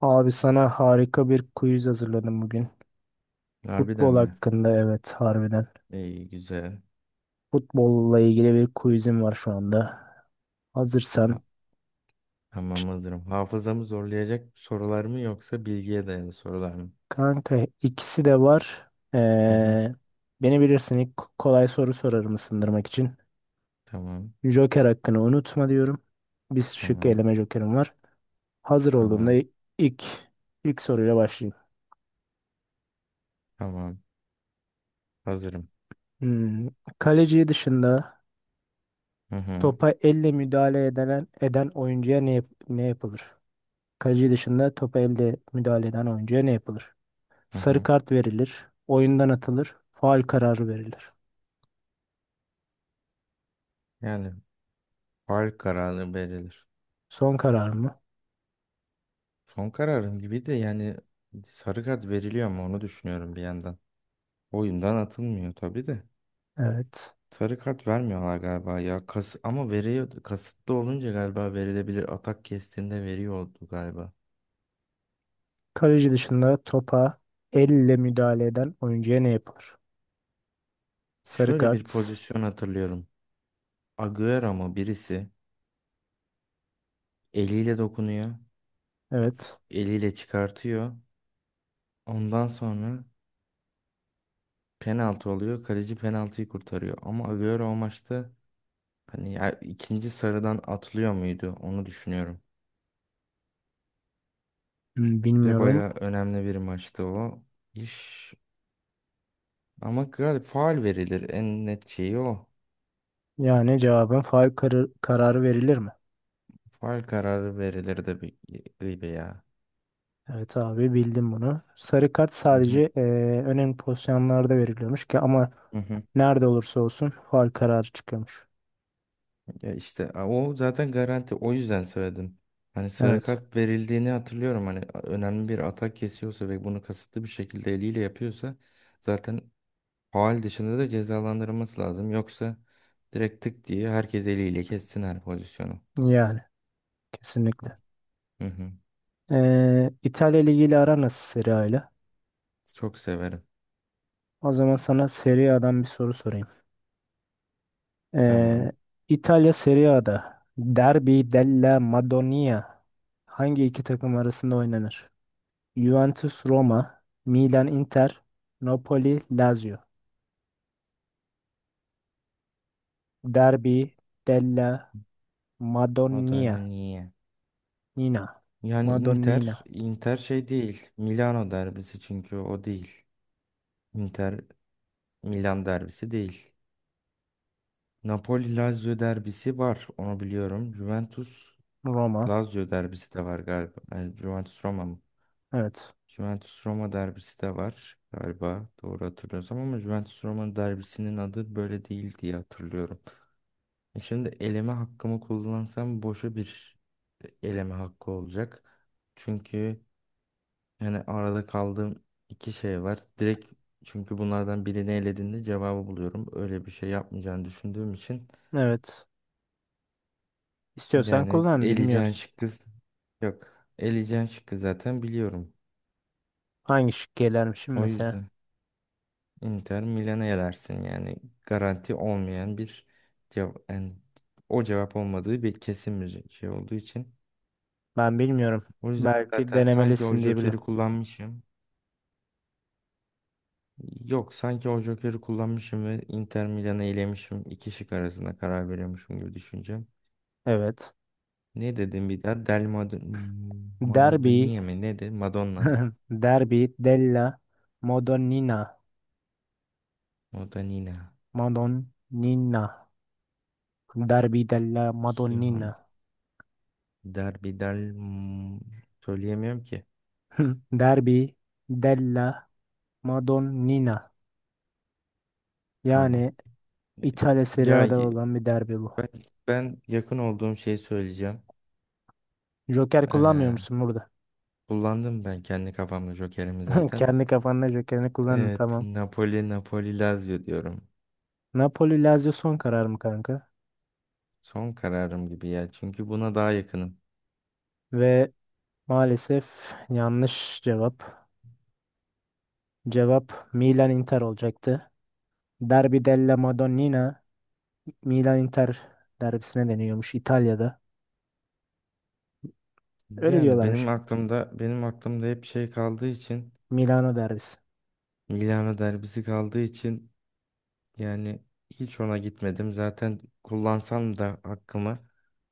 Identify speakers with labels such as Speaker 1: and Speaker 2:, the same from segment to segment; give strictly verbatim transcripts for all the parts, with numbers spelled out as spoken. Speaker 1: Abi sana harika bir quiz hazırladım bugün.
Speaker 2: Harbiden
Speaker 1: Futbol
Speaker 2: mi?
Speaker 1: hakkında evet harbiden.
Speaker 2: İyi güzel.
Speaker 1: Futbolla ilgili bir quizim var şu anda. Hazırsan.
Speaker 2: Ha- tamam hazırım. Hafızamı zorlayacak sorular mı yoksa bilgiye dayalı sorular mı?
Speaker 1: Kanka ikisi de var.
Speaker 2: Hı hı.
Speaker 1: Ee, beni bilirsin ilk kolay soru sorarım ısındırmak için.
Speaker 2: Tamam.
Speaker 1: Joker hakkını unutma diyorum. Bir şık
Speaker 2: Tamam.
Speaker 1: eleme jokerim var. Hazır olduğumda
Speaker 2: Tamam.
Speaker 1: ilk ilk soruyla başlayayım.
Speaker 2: Tamam. Hazırım.
Speaker 1: Hmm, Kaleci dışında
Speaker 2: Hı hı.
Speaker 1: topa elle müdahale edilen eden oyuncuya ne, yap- ne yapılır? Kaleci dışında topa elde müdahale eden oyuncuya ne yapılır?
Speaker 2: Hı
Speaker 1: Sarı
Speaker 2: hı.
Speaker 1: kart verilir. Oyundan atılır. Faul kararı verilir.
Speaker 2: Yani faul kararı verilir.
Speaker 1: Son karar mı?
Speaker 2: Son kararım gibi de yani sarı kart veriliyor mu onu düşünüyorum bir yandan. Oyundan atılmıyor tabii de.
Speaker 1: Evet.
Speaker 2: Sarı kart vermiyorlar galiba ya. Kas ama veriyor kasıtlı olunca galiba verilebilir. Atak kestiğinde veriyordu galiba.
Speaker 1: Kaleci dışında topa elle müdahale eden oyuncuya ne yapılır? Sarı
Speaker 2: Şöyle bir
Speaker 1: kart.
Speaker 2: pozisyon hatırlıyorum. Agüero mu birisi eliyle dokunuyor,
Speaker 1: Evet.
Speaker 2: eliyle çıkartıyor. Ondan sonra penaltı oluyor. Kaleci penaltıyı kurtarıyor. Ama Agüero o maçta hani ya ikinci sarıdan atlıyor muydu onu düşünüyorum.
Speaker 1: Hmm,
Speaker 2: Ve
Speaker 1: Bilmiyorum.
Speaker 2: bayağı önemli bir maçtı o iş. Ama galiba faul verilir. En net şeyi o.
Speaker 1: Yani cevabın faul karı- kararı verilir mi?
Speaker 2: Faul kararı verilirdi bir gibi ya.
Speaker 1: Evet abi bildim bunu. Sarı kart
Speaker 2: Hı
Speaker 1: sadece
Speaker 2: hı.
Speaker 1: eee, önemli pozisyonlarda veriliyormuş ki ama
Speaker 2: Hı hı.
Speaker 1: nerede olursa olsun faul kararı çıkıyormuş.
Speaker 2: Ya işte, a, o zaten garanti. O yüzden söyledim. Hani sarı
Speaker 1: Evet.
Speaker 2: kart verildiğini hatırlıyorum. Hani a- önemli bir atak kesiyorsa ve bunu kasıtlı bir şekilde eliyle yapıyorsa zaten faul dışında da cezalandırılması lazım. Yoksa direkt tık diye herkes eliyle kessin her pozisyonu.
Speaker 1: Yani kesinlikle.
Speaker 2: Hı hı.
Speaker 1: Ee, İtalya Ligi ile aran nasıl Serie A ile?
Speaker 2: Çok severim.
Speaker 1: O zaman sana Serie A'dan bir soru sorayım.
Speaker 2: Tamam.
Speaker 1: Ee, İtalya Serie A'da Derby della Madonia hangi iki takım arasında oynanır? Juventus Roma, Milan Inter, Napoli Lazio. Derby della
Speaker 2: Madonna
Speaker 1: Madonia.
Speaker 2: niye?
Speaker 1: Nina.
Speaker 2: Yani Inter,
Speaker 1: Madonnina.
Speaker 2: Inter şey değil. Milano derbisi çünkü o değil. Inter Milan derbisi değil. Napoli-Lazio derbisi var. Onu biliyorum. Juventus-Lazio
Speaker 1: Roma.
Speaker 2: derbisi de var galiba. Yani Juventus-Roma mı?
Speaker 1: Evet.
Speaker 2: Juventus-Roma derbisi de var galiba. Doğru hatırlıyorsam ama Juventus-Roma derbisinin adı böyle değil diye hatırlıyorum. E şimdi eleme hakkımı kullansam boşa bir eleme hakkı olacak. Çünkü yani arada kaldığım iki şey var. Direkt çünkü bunlardan birini elediğinde cevabı buluyorum. Öyle bir şey yapmayacağını düşündüğüm için
Speaker 1: Evet. İstiyorsan
Speaker 2: yani
Speaker 1: kullan
Speaker 2: eleyeceğin
Speaker 1: bilmiyoruz.
Speaker 2: şıkkı yok. Eleyeceğin şıkkı zaten biliyorum.
Speaker 1: Hangi şık gelermişim
Speaker 2: O
Speaker 1: mesela?
Speaker 2: yüzden Inter Milan'a elersin yani. Garanti olmayan bir cevap. Yani o cevap olmadığı bir kesin bir şey olduğu için.
Speaker 1: Ben bilmiyorum.
Speaker 2: O yüzden
Speaker 1: Belki
Speaker 2: zaten sanki o
Speaker 1: denemelisin diye
Speaker 2: Joker'i
Speaker 1: biliyorum.
Speaker 2: kullanmışım. Yok, sanki o Joker'i kullanmışım ve Inter Milan'ı elemişim. İki şık arasında karar veriyormuşum gibi düşüneceğim.
Speaker 1: Evet.
Speaker 2: Ne dedim bir daha? Del Mad Maradona
Speaker 1: Derbi.
Speaker 2: mi? Ne dedi? Madonna mı?
Speaker 1: Derbi della Madonnina.
Speaker 2: Madonnina.
Speaker 1: Madonnina. Derbi della Madonnina.
Speaker 2: Derbidel hmm, Söyleyemiyorum ki.
Speaker 1: Derbi della Madonnina.
Speaker 2: Tamam.
Speaker 1: Yani
Speaker 2: E,
Speaker 1: İtalya Serie
Speaker 2: Ya
Speaker 1: A'da
Speaker 2: y-
Speaker 1: olan bir derbi bu.
Speaker 2: ben, ben yakın olduğum şeyi söyleyeceğim.
Speaker 1: Joker kullanmıyor
Speaker 2: Ee,
Speaker 1: musun burada?
Speaker 2: Kullandım ben kendi kafamda Joker'imi zaten.
Speaker 1: Kendi kafanda Joker'ini kullanın
Speaker 2: Evet,
Speaker 1: tamam.
Speaker 2: Napoli, Napoli, Lazio diyorum.
Speaker 1: Napoli Lazio son karar mı kanka?
Speaker 2: Son kararım gibi ya. Çünkü buna daha yakınım.
Speaker 1: Ve maalesef yanlış cevap. Cevap Milan Inter olacaktı. Derbi della Madonnina Milan-Inter derbisine deniyormuş İtalya'da. Öyle
Speaker 2: Yani
Speaker 1: diyorlarmış.
Speaker 2: benim aklımda benim aklımda hep şey kaldığı için,
Speaker 1: Milano derbisi.
Speaker 2: Milano derbisi kaldığı için, yani hiç ona gitmedim. Zaten kullansam da hakkımı,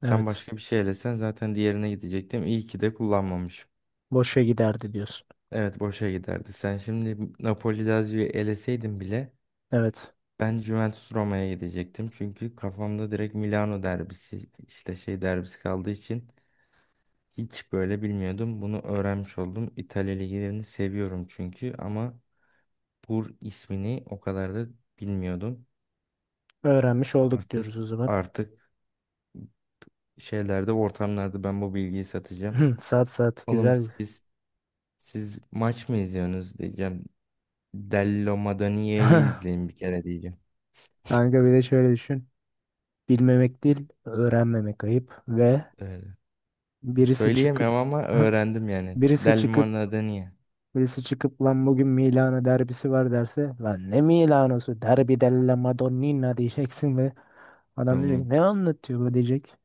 Speaker 2: sen
Speaker 1: Evet.
Speaker 2: başka bir şey elesen zaten diğerine gidecektim. İyi ki de kullanmamışım.
Speaker 1: Boşa giderdi diyorsun.
Speaker 2: Evet, boşa giderdi. Sen şimdi Napoli Lazio'yu eleseydin bile
Speaker 1: Evet.
Speaker 2: ben Juventus Roma'ya gidecektim. Çünkü kafamda direkt Milano derbisi işte şey derbisi kaldığı için hiç böyle bilmiyordum. Bunu öğrenmiş oldum. İtalya liglerini seviyorum çünkü ama Pur ismini o kadar da bilmiyordum.
Speaker 1: Öğrenmiş olduk diyoruz
Speaker 2: Artık
Speaker 1: o zaman.
Speaker 2: artık şeylerde, ortamlarda ben bu bilgiyi satacağım.
Speaker 1: Saat saat
Speaker 2: Oğlum,
Speaker 1: güzel.
Speaker 2: siz siz maç mı izliyorsunuz diyeceğim. Dello Madonia'yı izleyin bir kere diyeceğim.
Speaker 1: Kanka bir de şöyle düşün. Bilmemek değil, öğrenmemek ayıp ve
Speaker 2: Öyle.
Speaker 1: birisi çıkıp
Speaker 2: Söyleyemem ama öğrendim yani.
Speaker 1: birisi
Speaker 2: Del
Speaker 1: çıkıp
Speaker 2: Madonia.
Speaker 1: birisi çıkıp lan bugün Milano derbisi var derse lan ne Milano'su derbi della Madonnina diyeceksin ve adam diyecek
Speaker 2: Tamam.
Speaker 1: ne anlatıyor bu diyecek.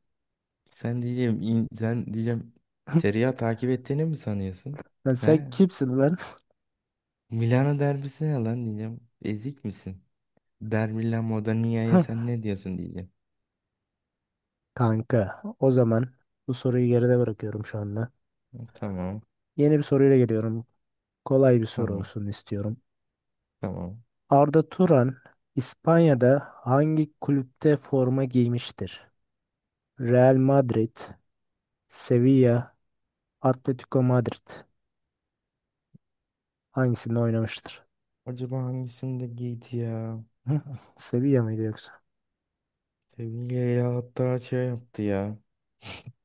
Speaker 2: Sen diyeceğim in- sen diyeceğim Serie A takip ettiğini mi sanıyorsun?
Speaker 1: Lan sen
Speaker 2: He?
Speaker 1: kimsin ulan?
Speaker 2: Milano derbisi ne lan diyeceğim. Ezik misin? Dermilla Modania'ya sen ne diyorsun diyeceğim.
Speaker 1: Kanka, o zaman bu soruyu geride bırakıyorum şu anda.
Speaker 2: Tamam.
Speaker 1: Yeni bir soruyla geliyorum. Kolay bir soru
Speaker 2: Tamam.
Speaker 1: olsun istiyorum.
Speaker 2: Tamam.
Speaker 1: Arda Turan İspanya'da hangi kulüpte forma giymiştir? Real Madrid, Sevilla, Atletico Madrid. Hangisinde oynamıştır?
Speaker 2: Acaba hangisinde giydi ya?
Speaker 1: Hı? Sevilla mıydı yoksa?
Speaker 2: Seviyeyle hatta şey yaptı ya.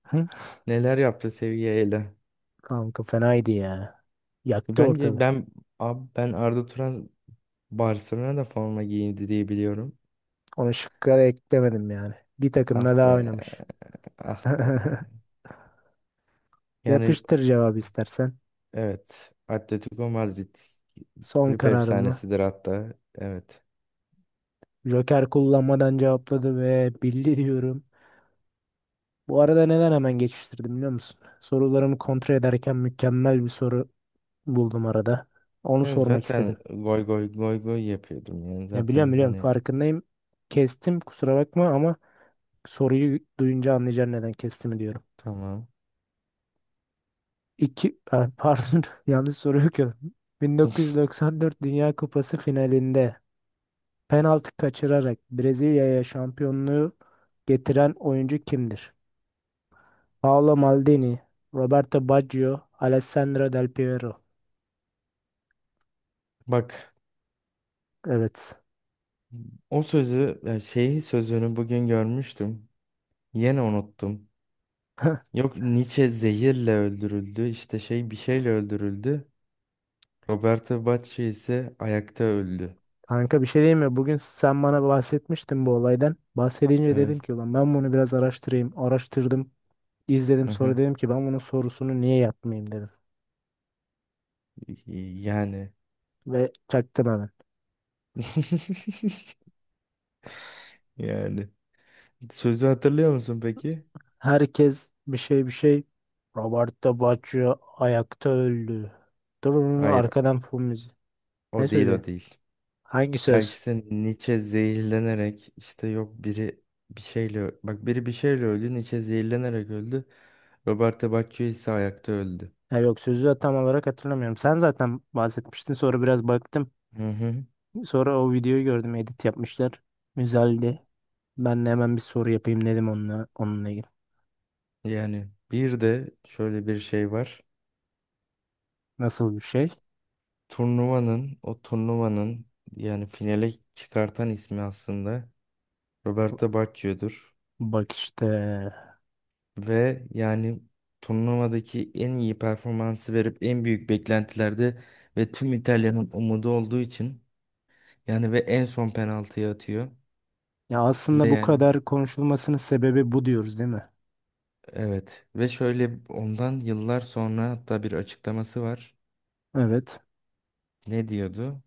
Speaker 1: Hı?
Speaker 2: Neler yaptı Seviyeyle?
Speaker 1: Kanka fenaydı ya. Yaktı
Speaker 2: Bence
Speaker 1: ortalığı.
Speaker 2: ben abi ben Arda Turan Barcelona'da forma giyindi diye biliyorum.
Speaker 1: Onu şıkka da eklemedim yani. Bir
Speaker 2: Ah
Speaker 1: takımla
Speaker 2: be.
Speaker 1: daha oynamış.
Speaker 2: Ah be. Yani
Speaker 1: Yapıştır cevabı istersen.
Speaker 2: evet. Atletico Madrid
Speaker 1: Son
Speaker 2: kulüp
Speaker 1: kararımı.
Speaker 2: efsanesidir hatta. Evet.
Speaker 1: Joker kullanmadan cevapladı ve bildi diyorum. Bu arada neden hemen geçiştirdim biliyor musun? Sorularımı kontrol ederken mükemmel bir soru buldum arada. Onu
Speaker 2: Evet,
Speaker 1: sormak
Speaker 2: zaten
Speaker 1: istedim.
Speaker 2: goy goy goy goy yapıyordum yani.
Speaker 1: Ya biliyorum
Speaker 2: Zaten
Speaker 1: biliyorum
Speaker 2: hani
Speaker 1: farkındayım. Kestim kusura bakma ama soruyu duyunca anlayacaksın neden kestiğimi diyorum.
Speaker 2: tamam.
Speaker 1: İki, ha, pardon yanlış soru okuyorum. bin dokuz yüz doksan dört Dünya Kupası finalinde penaltı kaçırarak Brezilya'ya şampiyonluğu getiren oyuncu kimdir? Paolo Maldini, Roberto Baggio, Alessandro Del Piero.
Speaker 2: Bak,
Speaker 1: Evet.
Speaker 2: o sözü, e, şeyi sözünü bugün görmüştüm. Yine unuttum. Yok, Nietzsche zehirle öldürüldü. İşte şey bir şeyle öldürüldü. Roberto Bacci ise ayakta öldü.
Speaker 1: Kanka bir şey diyeyim mi? Bugün sen bana bahsetmiştin bu olaydan. Bahsedince
Speaker 2: Evet.
Speaker 1: dedim ki ulan ben bunu biraz araştırayım. Araştırdım, izledim
Speaker 2: Hı
Speaker 1: sonra
Speaker 2: hı.
Speaker 1: dedim ki ben bunun sorusunu niye yapmayayım dedim.
Speaker 2: Yani.
Speaker 1: Ve çaktım hemen.
Speaker 2: Yani. Sözü hatırlıyor musun peki?
Speaker 1: Herkes bir şey bir şey. Roberto Baggio ayakta öldü. Dur dur,
Speaker 2: Hayır,
Speaker 1: arkadan fon müziği. Ne
Speaker 2: o değil
Speaker 1: sözü?
Speaker 2: o değil.
Speaker 1: Hangi
Speaker 2: Ya
Speaker 1: söz?
Speaker 2: işte Nietzsche zehirlenerek işte yok biri bir şeyle bak biri bir şeyle öldü. Nietzsche zehirlenerek öldü. Roberto Bacci ise ayakta öldü.
Speaker 1: Ya yok sözü tam olarak hatırlamıyorum. Sen zaten bahsetmiştin sonra biraz baktım.
Speaker 2: Hı hı.
Speaker 1: Sonra o videoyu gördüm edit yapmışlar. Güzeldi. Ben de hemen bir soru yapayım dedim onunla, onunla ilgili.
Speaker 2: Yani bir de şöyle bir şey var.
Speaker 1: Nasıl bir şey?
Speaker 2: turnuvanın o turnuvanın yani finale çıkartan ismi aslında Roberto Baggio'dur.
Speaker 1: Bak işte.
Speaker 2: Ve yani turnuvadaki en iyi performansı verip en büyük beklentilerde ve tüm İtalya'nın umudu olduğu için yani ve en son penaltıyı atıyor.
Speaker 1: Ya
Speaker 2: Ve
Speaker 1: aslında bu
Speaker 2: yani
Speaker 1: kadar konuşulmasının sebebi bu diyoruz değil mi?
Speaker 2: evet, ve şöyle, ondan yıllar sonra hatta bir açıklaması var.
Speaker 1: Evet.
Speaker 2: Ne diyordu?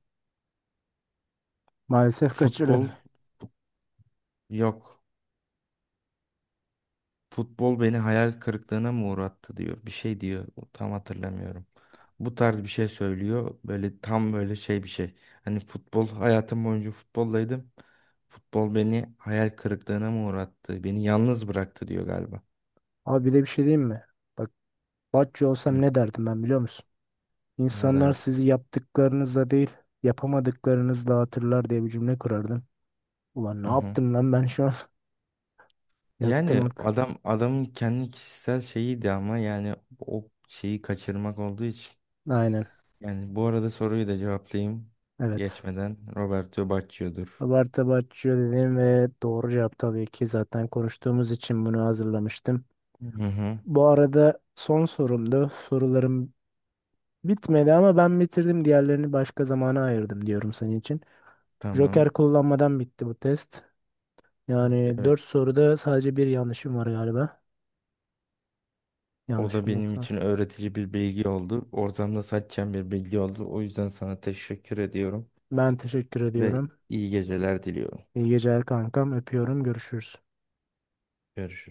Speaker 1: Maalesef kaçırdım.
Speaker 2: Futbol, yok. Futbol beni hayal kırıklığına mı uğrattı diyor. Bir şey diyor. Tam hatırlamıyorum. Bu tarz bir şey söylüyor. Böyle tam böyle şey bir şey. Hani futbol, hayatım boyunca futboldaydım. Futbol beni hayal kırıklığına mı uğrattı? Beni yalnız bıraktı diyor galiba.
Speaker 1: Abi bir de bir şey diyeyim mi? Bak Batçı olsam
Speaker 2: Hı,
Speaker 1: ne derdim ben biliyor musun?
Speaker 2: ne
Speaker 1: İnsanlar
Speaker 2: derdi?
Speaker 1: sizi yaptıklarınızla değil yapamadıklarınızla hatırlar diye bir cümle kurardım. Ulan ne
Speaker 2: Hı hı.
Speaker 1: yaptım lan ben şu an? Yaktım
Speaker 2: Yani
Speaker 1: orada.
Speaker 2: adam adamın kendi kişisel şeyiydi ama yani o şeyi kaçırmak olduğu için.
Speaker 1: Aynen.
Speaker 2: Yani bu arada soruyu da cevaplayayım.
Speaker 1: Evet.
Speaker 2: Geçmeden Roberto Baggio'dur.
Speaker 1: Abartı abartıyor dedim ve doğru cevap tabii ki zaten konuştuğumuz için bunu hazırlamıştım.
Speaker 2: Hı hı.
Speaker 1: Bu arada son sorumdu. Sorularım bitmedi ama ben bitirdim. Diğerlerini başka zamana ayırdım diyorum senin için.
Speaker 2: Tamam.
Speaker 1: Joker kullanmadan bitti bu test. Yani
Speaker 2: Evet.
Speaker 1: dört soruda sadece bir yanlışım var galiba.
Speaker 2: O da
Speaker 1: Yanlışım
Speaker 2: benim için
Speaker 1: yoksa.
Speaker 2: öğretici bir bilgi oldu. Oradan da saçacağım bir bilgi oldu. O yüzden sana teşekkür ediyorum
Speaker 1: Ben teşekkür
Speaker 2: ve
Speaker 1: ediyorum.
Speaker 2: iyi geceler diliyorum.
Speaker 1: İyi geceler kankam. Öpüyorum. Görüşürüz.
Speaker 2: Görüşürüz.